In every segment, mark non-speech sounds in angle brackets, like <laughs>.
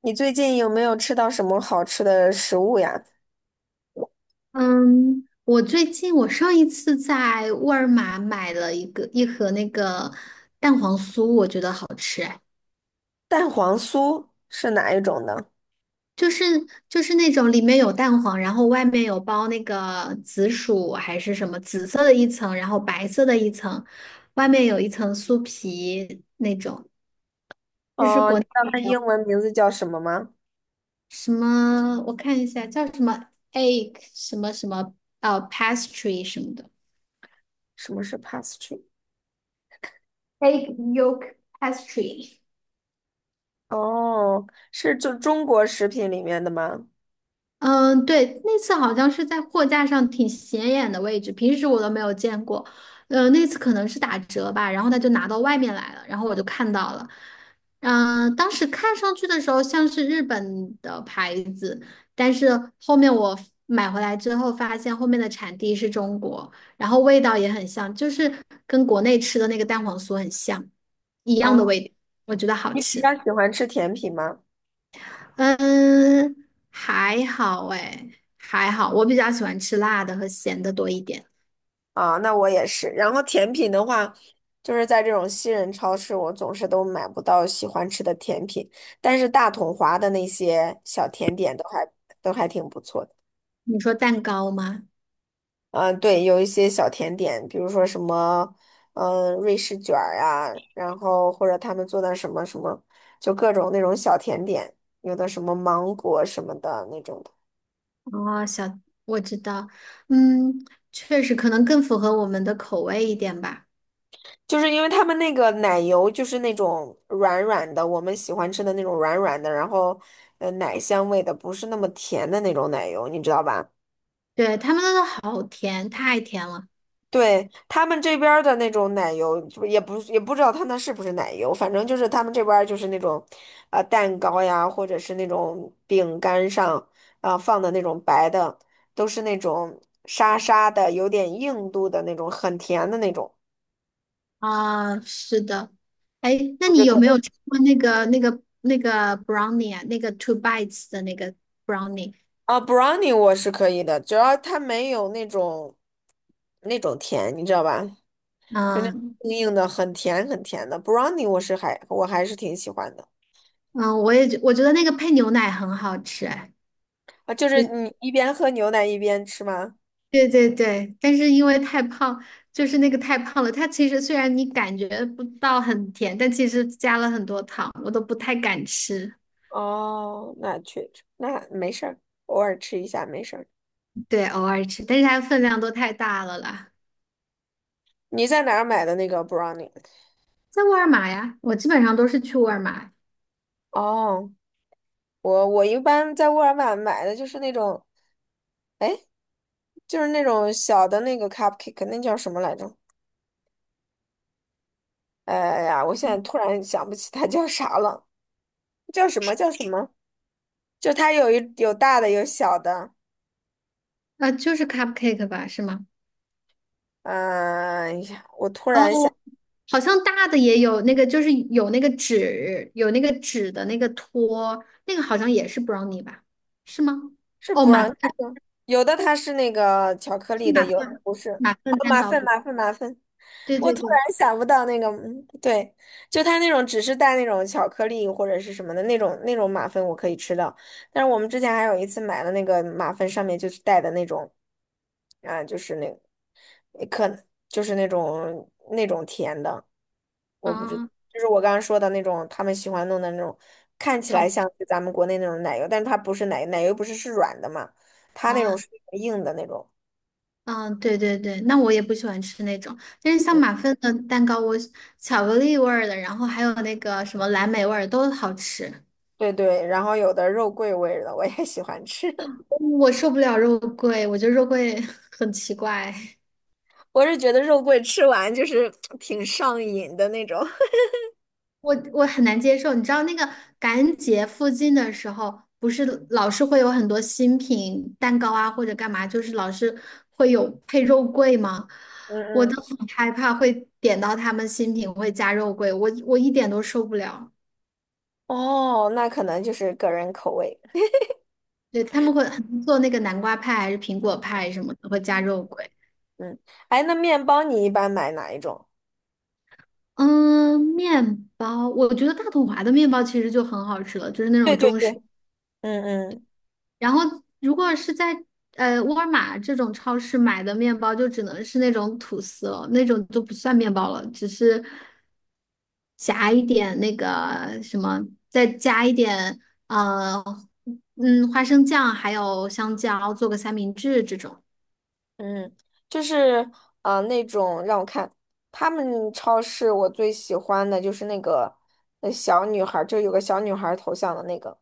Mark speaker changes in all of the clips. Speaker 1: 你最近有没有吃到什么好吃的食物呀？<laughs>
Speaker 2: 嗯，我最近我上一次在沃尔玛买了一盒那个蛋黄酥，我觉得好吃哎。
Speaker 1: 蛋黄酥是哪一种呢？<laughs>
Speaker 2: 就是就是那种里面有蛋黄，然后外面有包那个紫薯还是什么紫色的一层，然后白色的一层，外面有一层酥皮。就是
Speaker 1: 哦，
Speaker 2: 国
Speaker 1: 你
Speaker 2: 内
Speaker 1: 知道它英文名字叫什么吗？
Speaker 2: 什么我看一下叫什么 egg 什么什么pastry 什么的
Speaker 1: 什么是 pastry？
Speaker 2: egg yolk pastry。
Speaker 1: 哦，是就中国食品里面的吗？
Speaker 2: 嗯，对，那次好像是在货架上挺显眼的位置，平时我都没有见过。那次可能是打折吧，然后他就拿到外面来了，然后我就看到了。当时看上去的时候像是日本的牌子，但是后面我买回来之后发现后面的产地是中国，然后味道也很像，就是跟国内吃的那个蛋黄酥很像，一样的
Speaker 1: 啊，
Speaker 2: 味道，我觉得好
Speaker 1: 你比较
Speaker 2: 吃。
Speaker 1: 喜欢吃甜品吗？
Speaker 2: 嗯，还好哎，还好，我比较喜欢吃辣的和咸的多一点。
Speaker 1: 啊，那我也是。然后甜品的话，就是在这种西人超市，我总是都买不到喜欢吃的甜品，但是大统华的那些小甜点都还挺不错的。
Speaker 2: 你说蛋糕吗？
Speaker 1: 对，有一些小甜点，比如说什么，嗯、瑞士卷儿啊，然后或者他们做的什么什么，就各种那种小甜点，有的什么芒果什么的那种的，
Speaker 2: 哦，我知道，嗯，确实可能更符合我们的口味一点吧。
Speaker 1: 就是因为他们那个奶油就是那种软软的，我们喜欢吃的那种软软的，然后奶香味的，不是那么甜的那种奶油，你知道吧？
Speaker 2: 对，他们那都好甜，太甜了
Speaker 1: 对，他们这边儿的那种奶油，就也不知道他那是不是奶油，反正就是他们这边儿就是那种，呃，蛋糕呀，或者是那种饼干上啊、放的那种白的，都是那种沙沙的，有点硬度的那种，很甜的那种，
Speaker 2: 啊，是的。哎，那
Speaker 1: 我觉
Speaker 2: 你
Speaker 1: 得
Speaker 2: 有
Speaker 1: 特
Speaker 2: 没
Speaker 1: 别
Speaker 2: 有吃过那个 brownie 啊？那个 two bites 的那个 brownie？
Speaker 1: 啊，brownie 我是可以的，只要它没有那种那种甜，你知道吧？就那
Speaker 2: 嗯
Speaker 1: 硬硬的，很甜很甜的 brownie，我还是挺喜欢的。
Speaker 2: 嗯，我觉得那个配牛奶很好吃，哎。
Speaker 1: 啊，就是你一边喝牛奶一边吃吗？
Speaker 2: 对对对，但是因为太胖，就是那个太胖了。它其实虽然你感觉不到很甜，但其实加了很多糖，我都不太敢吃。
Speaker 1: 哦，那确实，那没事儿，偶尔吃一下没事儿。
Speaker 2: 对，偶尔吃，但是它分量都太大了啦。
Speaker 1: 你在哪儿买的那个 brownie？
Speaker 2: 在沃尔玛呀，我基本上都是去沃尔玛。
Speaker 1: 哦，我一般在沃尔玛买的就是那种，哎，就是那种小的那个 cupcake，那叫什么来着？哎呀，我现在突然想不起它叫啥了，叫什么叫什么？就它有大的有小的，
Speaker 2: 就是 cupcake 吧，是吗？
Speaker 1: 嗯、哎呀，我突然想
Speaker 2: 哦，好像大的也有那个，就是有那个纸，有那个纸的那个托，那个好像也是 brownie 吧？是吗？
Speaker 1: 是
Speaker 2: 哦，马
Speaker 1: brownie，
Speaker 2: 芬，
Speaker 1: 有的它是那个巧克
Speaker 2: 是
Speaker 1: 力的，
Speaker 2: 马
Speaker 1: 有的
Speaker 2: 芬
Speaker 1: 不是。
Speaker 2: 马芬
Speaker 1: 哦，
Speaker 2: 蛋
Speaker 1: 马
Speaker 2: 糕，
Speaker 1: 芬
Speaker 2: 对
Speaker 1: 马芬马芬。
Speaker 2: 对
Speaker 1: 我
Speaker 2: 对
Speaker 1: 突
Speaker 2: 对，
Speaker 1: 然想不到那个，嗯对，就它那种只是带那种巧克力或者是什么的那种马芬我可以吃到，但是我们之前还有一次买了那个马芬上面就是带的那种，啊，就是那可就是那种甜的，我不知，
Speaker 2: 啊。
Speaker 1: 就是我刚刚说的那种他们喜欢弄的那种，看起来像是咱们国内那种奶油，但是它不是奶，奶油不是是软的嘛，它那种
Speaker 2: 啊
Speaker 1: 是硬的那种，
Speaker 2: 啊，对对对，那我也不喜欢吃那种，但是像
Speaker 1: 嗯，
Speaker 2: 马芬的蛋糕，我巧克力味儿的，然后还有那个什么蓝莓味儿都好吃。
Speaker 1: 对对，然后有的肉桂味儿的我也喜欢吃。<laughs>
Speaker 2: 我受不了肉桂，我觉得肉桂 <laughs> 很奇怪，
Speaker 1: 我是觉得肉桂吃完就是挺上瘾的那种。<laughs>
Speaker 2: 我很难接受。你知道那个感恩节附近的时候，不是老是会有很多新品蛋糕啊，或者干嘛，就是老是会有配肉桂吗？
Speaker 1: 嗯
Speaker 2: 我都
Speaker 1: 嗯，
Speaker 2: 很害怕会点到他们新品会加肉桂，我一点都受不了。
Speaker 1: 哦，那可能就是个人口味。
Speaker 2: 对，他们会很做那个南瓜派还是苹果派什么的，会加肉桂。
Speaker 1: 嗯，哎，那面包你一般买哪一种？
Speaker 2: 嗯，面包，我觉得大统华的面包其实就很好吃了，就是那
Speaker 1: 对
Speaker 2: 种
Speaker 1: 对
Speaker 2: 中式。
Speaker 1: 对，嗯嗯
Speaker 2: 然后如果是在沃尔玛这种超市买的面包，就只能是那种吐司了，那种就不算面包了，只是夹一点那个什么，再加一点呃花生酱，还有香蕉，做个三明治这种。
Speaker 1: 嗯，就是啊，那种让我看，他们超市我最喜欢的就是那个小女孩儿，就有个小女孩儿头像的那个，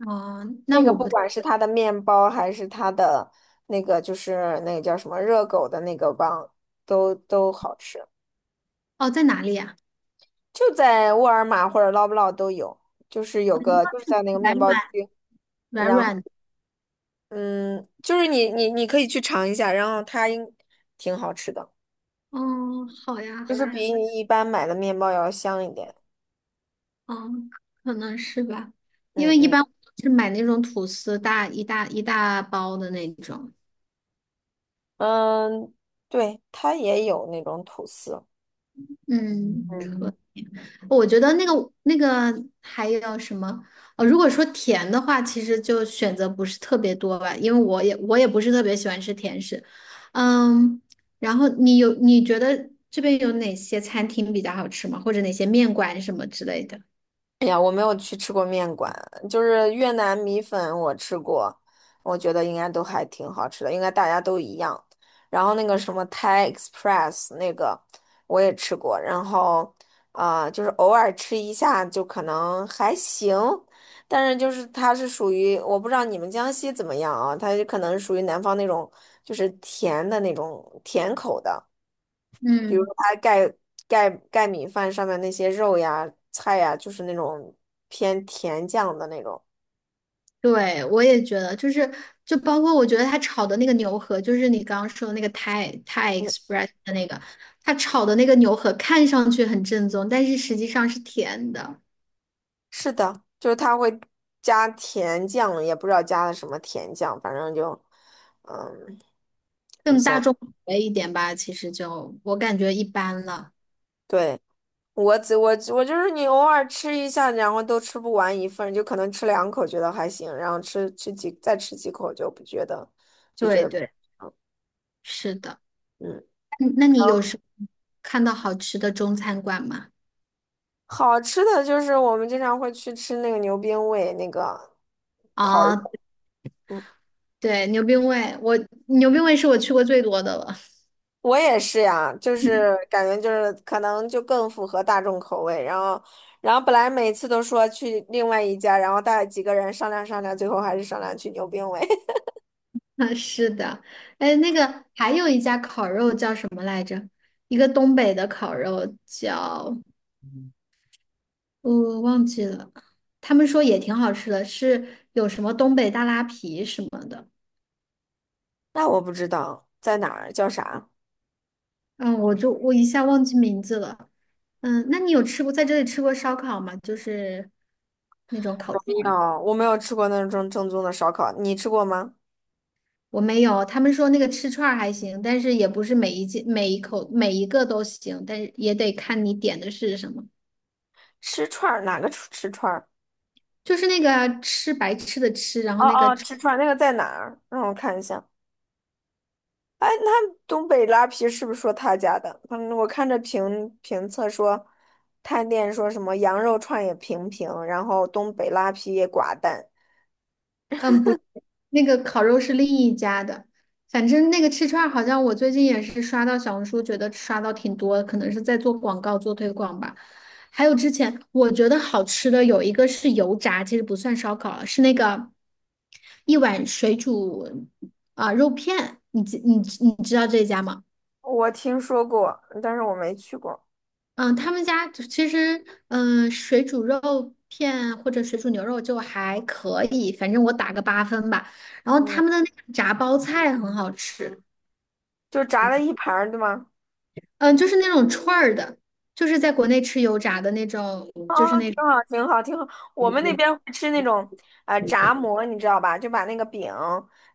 Speaker 2: 哦，那
Speaker 1: 那个
Speaker 2: 我
Speaker 1: 不
Speaker 2: 不
Speaker 1: 管是它的面包还是它的那个就是那个叫什么热狗的那个棒，都好吃。
Speaker 2: 哦在哪里呀？
Speaker 1: 就在沃尔玛或者捞不捞都有，就是有
Speaker 2: 嗯
Speaker 1: 个就是在那个
Speaker 2: 软
Speaker 1: 面包
Speaker 2: 软
Speaker 1: 区，
Speaker 2: 软
Speaker 1: 然后
Speaker 2: 软
Speaker 1: 嗯，就是你可以去尝一下，然后它应挺好吃的，
Speaker 2: 哦，好呀，
Speaker 1: 就
Speaker 2: 好
Speaker 1: 是
Speaker 2: 呀。
Speaker 1: 比你一般买的面包要香一点。
Speaker 2: 哦，可能是吧。因
Speaker 1: 嗯
Speaker 2: 为一
Speaker 1: 嗯
Speaker 2: 般我是买那种吐司大包的那种。
Speaker 1: 嗯，对，它也有那种吐司。
Speaker 2: 嗯，
Speaker 1: 嗯。
Speaker 2: 可我觉得那个还有什么？如果说甜的话，其实就选择不是特别多吧，因为我也不是特别喜欢吃甜食。嗯，然后你觉得这边有哪些餐厅比较好吃吗？或者哪些面馆什么之类的？
Speaker 1: 哎呀，我没有去吃过面馆，就是越南米粉我吃过，我觉得应该都还挺好吃的，应该大家都一样。然后那个什么 Thai Express 那个我也吃过，然后啊，就是偶尔吃一下就可能还行，但是就是它是属于我不知道你们江西怎么样啊，它就可能属于南方那种就是甜的那种甜口的。比如
Speaker 2: 嗯。
Speaker 1: 它盖米饭上面那些肉呀、菜呀，就是那种偏甜酱的那种。
Speaker 2: 对，我也觉得，就是包括我觉得他炒的那个牛河，就是你刚刚说的那个泰
Speaker 1: 嗯，
Speaker 2: Express 的那个，他炒的那个牛河看上去很正宗，但是实际上是甜的。
Speaker 1: 是的，就是它会加甜酱，也不知道加了什么甜酱，反正就嗯，你想，
Speaker 2: 哎，一点吧，其实就我感觉一般了。
Speaker 1: 对，我只我我就是你偶尔吃一下，然后都吃不完一份儿就可能吃两口觉得还行，然后吃吃几再吃几口就不觉得就觉
Speaker 2: 对
Speaker 1: 得不
Speaker 2: 对，是的。
Speaker 1: 嗯。
Speaker 2: 嗯，那你有什么看到好吃的中餐馆吗？
Speaker 1: 好吃的就是我们经常会去吃那个牛鞭味，那个烤肉。
Speaker 2: 啊，
Speaker 1: 嗯。
Speaker 2: 对，牛冰味，牛冰味是我去过最多的了。
Speaker 1: 我也是呀，就是感觉就是可能就更符合大众口味，然后，然后本来每次都说去另外一家，然后带几个人商量商量，最后还是商量去牛冰味。<laughs>
Speaker 2: <laughs> 啊，是的。哎，那个还有一家烤肉叫什么来着？一个东北的烤肉叫，我忘记了，他们说也挺好吃的，是有什么东北大拉皮什么的。
Speaker 1: 那我不知道在哪儿，叫啥？
Speaker 2: 嗯，我一下忘记名字了。嗯，那你有吃过在这里吃过烧烤吗？就是那种烤
Speaker 1: 我没
Speaker 2: 串儿。
Speaker 1: 有，我没有吃过那种正宗的烧烤，你吃过吗？
Speaker 2: 我没有，他们说那个吃串儿还行，但是也不是每一件每一口每一个都行，但是也得看你点的是什么。
Speaker 1: 吃串儿哪个吃串儿？
Speaker 2: 就是那个啊吃白吃的吃，然后
Speaker 1: 哦
Speaker 2: 那个
Speaker 1: 哦，吃串儿那个在哪儿？让我看一下。哎，那东北拉皮是不是说他家的？嗯，我看着评测说，探店说什么羊肉串也平平，然后东北拉皮也寡淡。
Speaker 2: 嗯不，那个烤肉是另一家的。反正那个吃串儿好像我最近也是刷到小红书，觉得刷到挺多的，可能是在做广告做推广吧。还有之前我觉得好吃的有一个是油炸，其实不算烧烤了，是那个一碗水煮啊、肉片，你知道这家吗？
Speaker 1: 我听说过，但是我没去过。
Speaker 2: 嗯，他们家就其实，嗯，水煮肉片或者水煮牛肉就还可以，反正我打个8分吧。然后他
Speaker 1: 嗯，
Speaker 2: 们的那个炸包菜很好吃。
Speaker 1: 就炸了一盘儿，对吗？
Speaker 2: 嗯，就是那种串儿的，就是在国内吃油炸的那种，就是
Speaker 1: 哦，
Speaker 2: 那，
Speaker 1: 挺好，挺好，挺好。我们那边会吃那种炸馍，你知道吧？就把那个饼，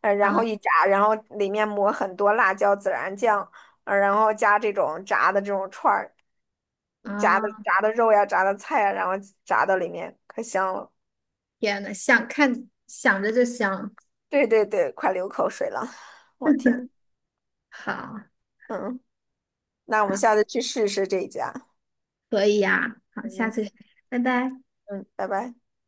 Speaker 1: 呃，然后
Speaker 2: 啊
Speaker 1: 一炸，然后里面抹很多辣椒、孜然酱，呃，然后加这种炸的这种串儿。炸的
Speaker 2: 啊，
Speaker 1: 炸的肉呀，炸的菜呀，然后炸到里面，可香了。
Speaker 2: 天呐，想着就香。
Speaker 1: 对对对，快流口水了，<laughs> 我天，
Speaker 2: <laughs> 好，
Speaker 1: 嗯，那我们下次去试试这一家，
Speaker 2: 可以呀，好，下
Speaker 1: 嗯
Speaker 2: 次拜拜。
Speaker 1: 嗯，拜拜。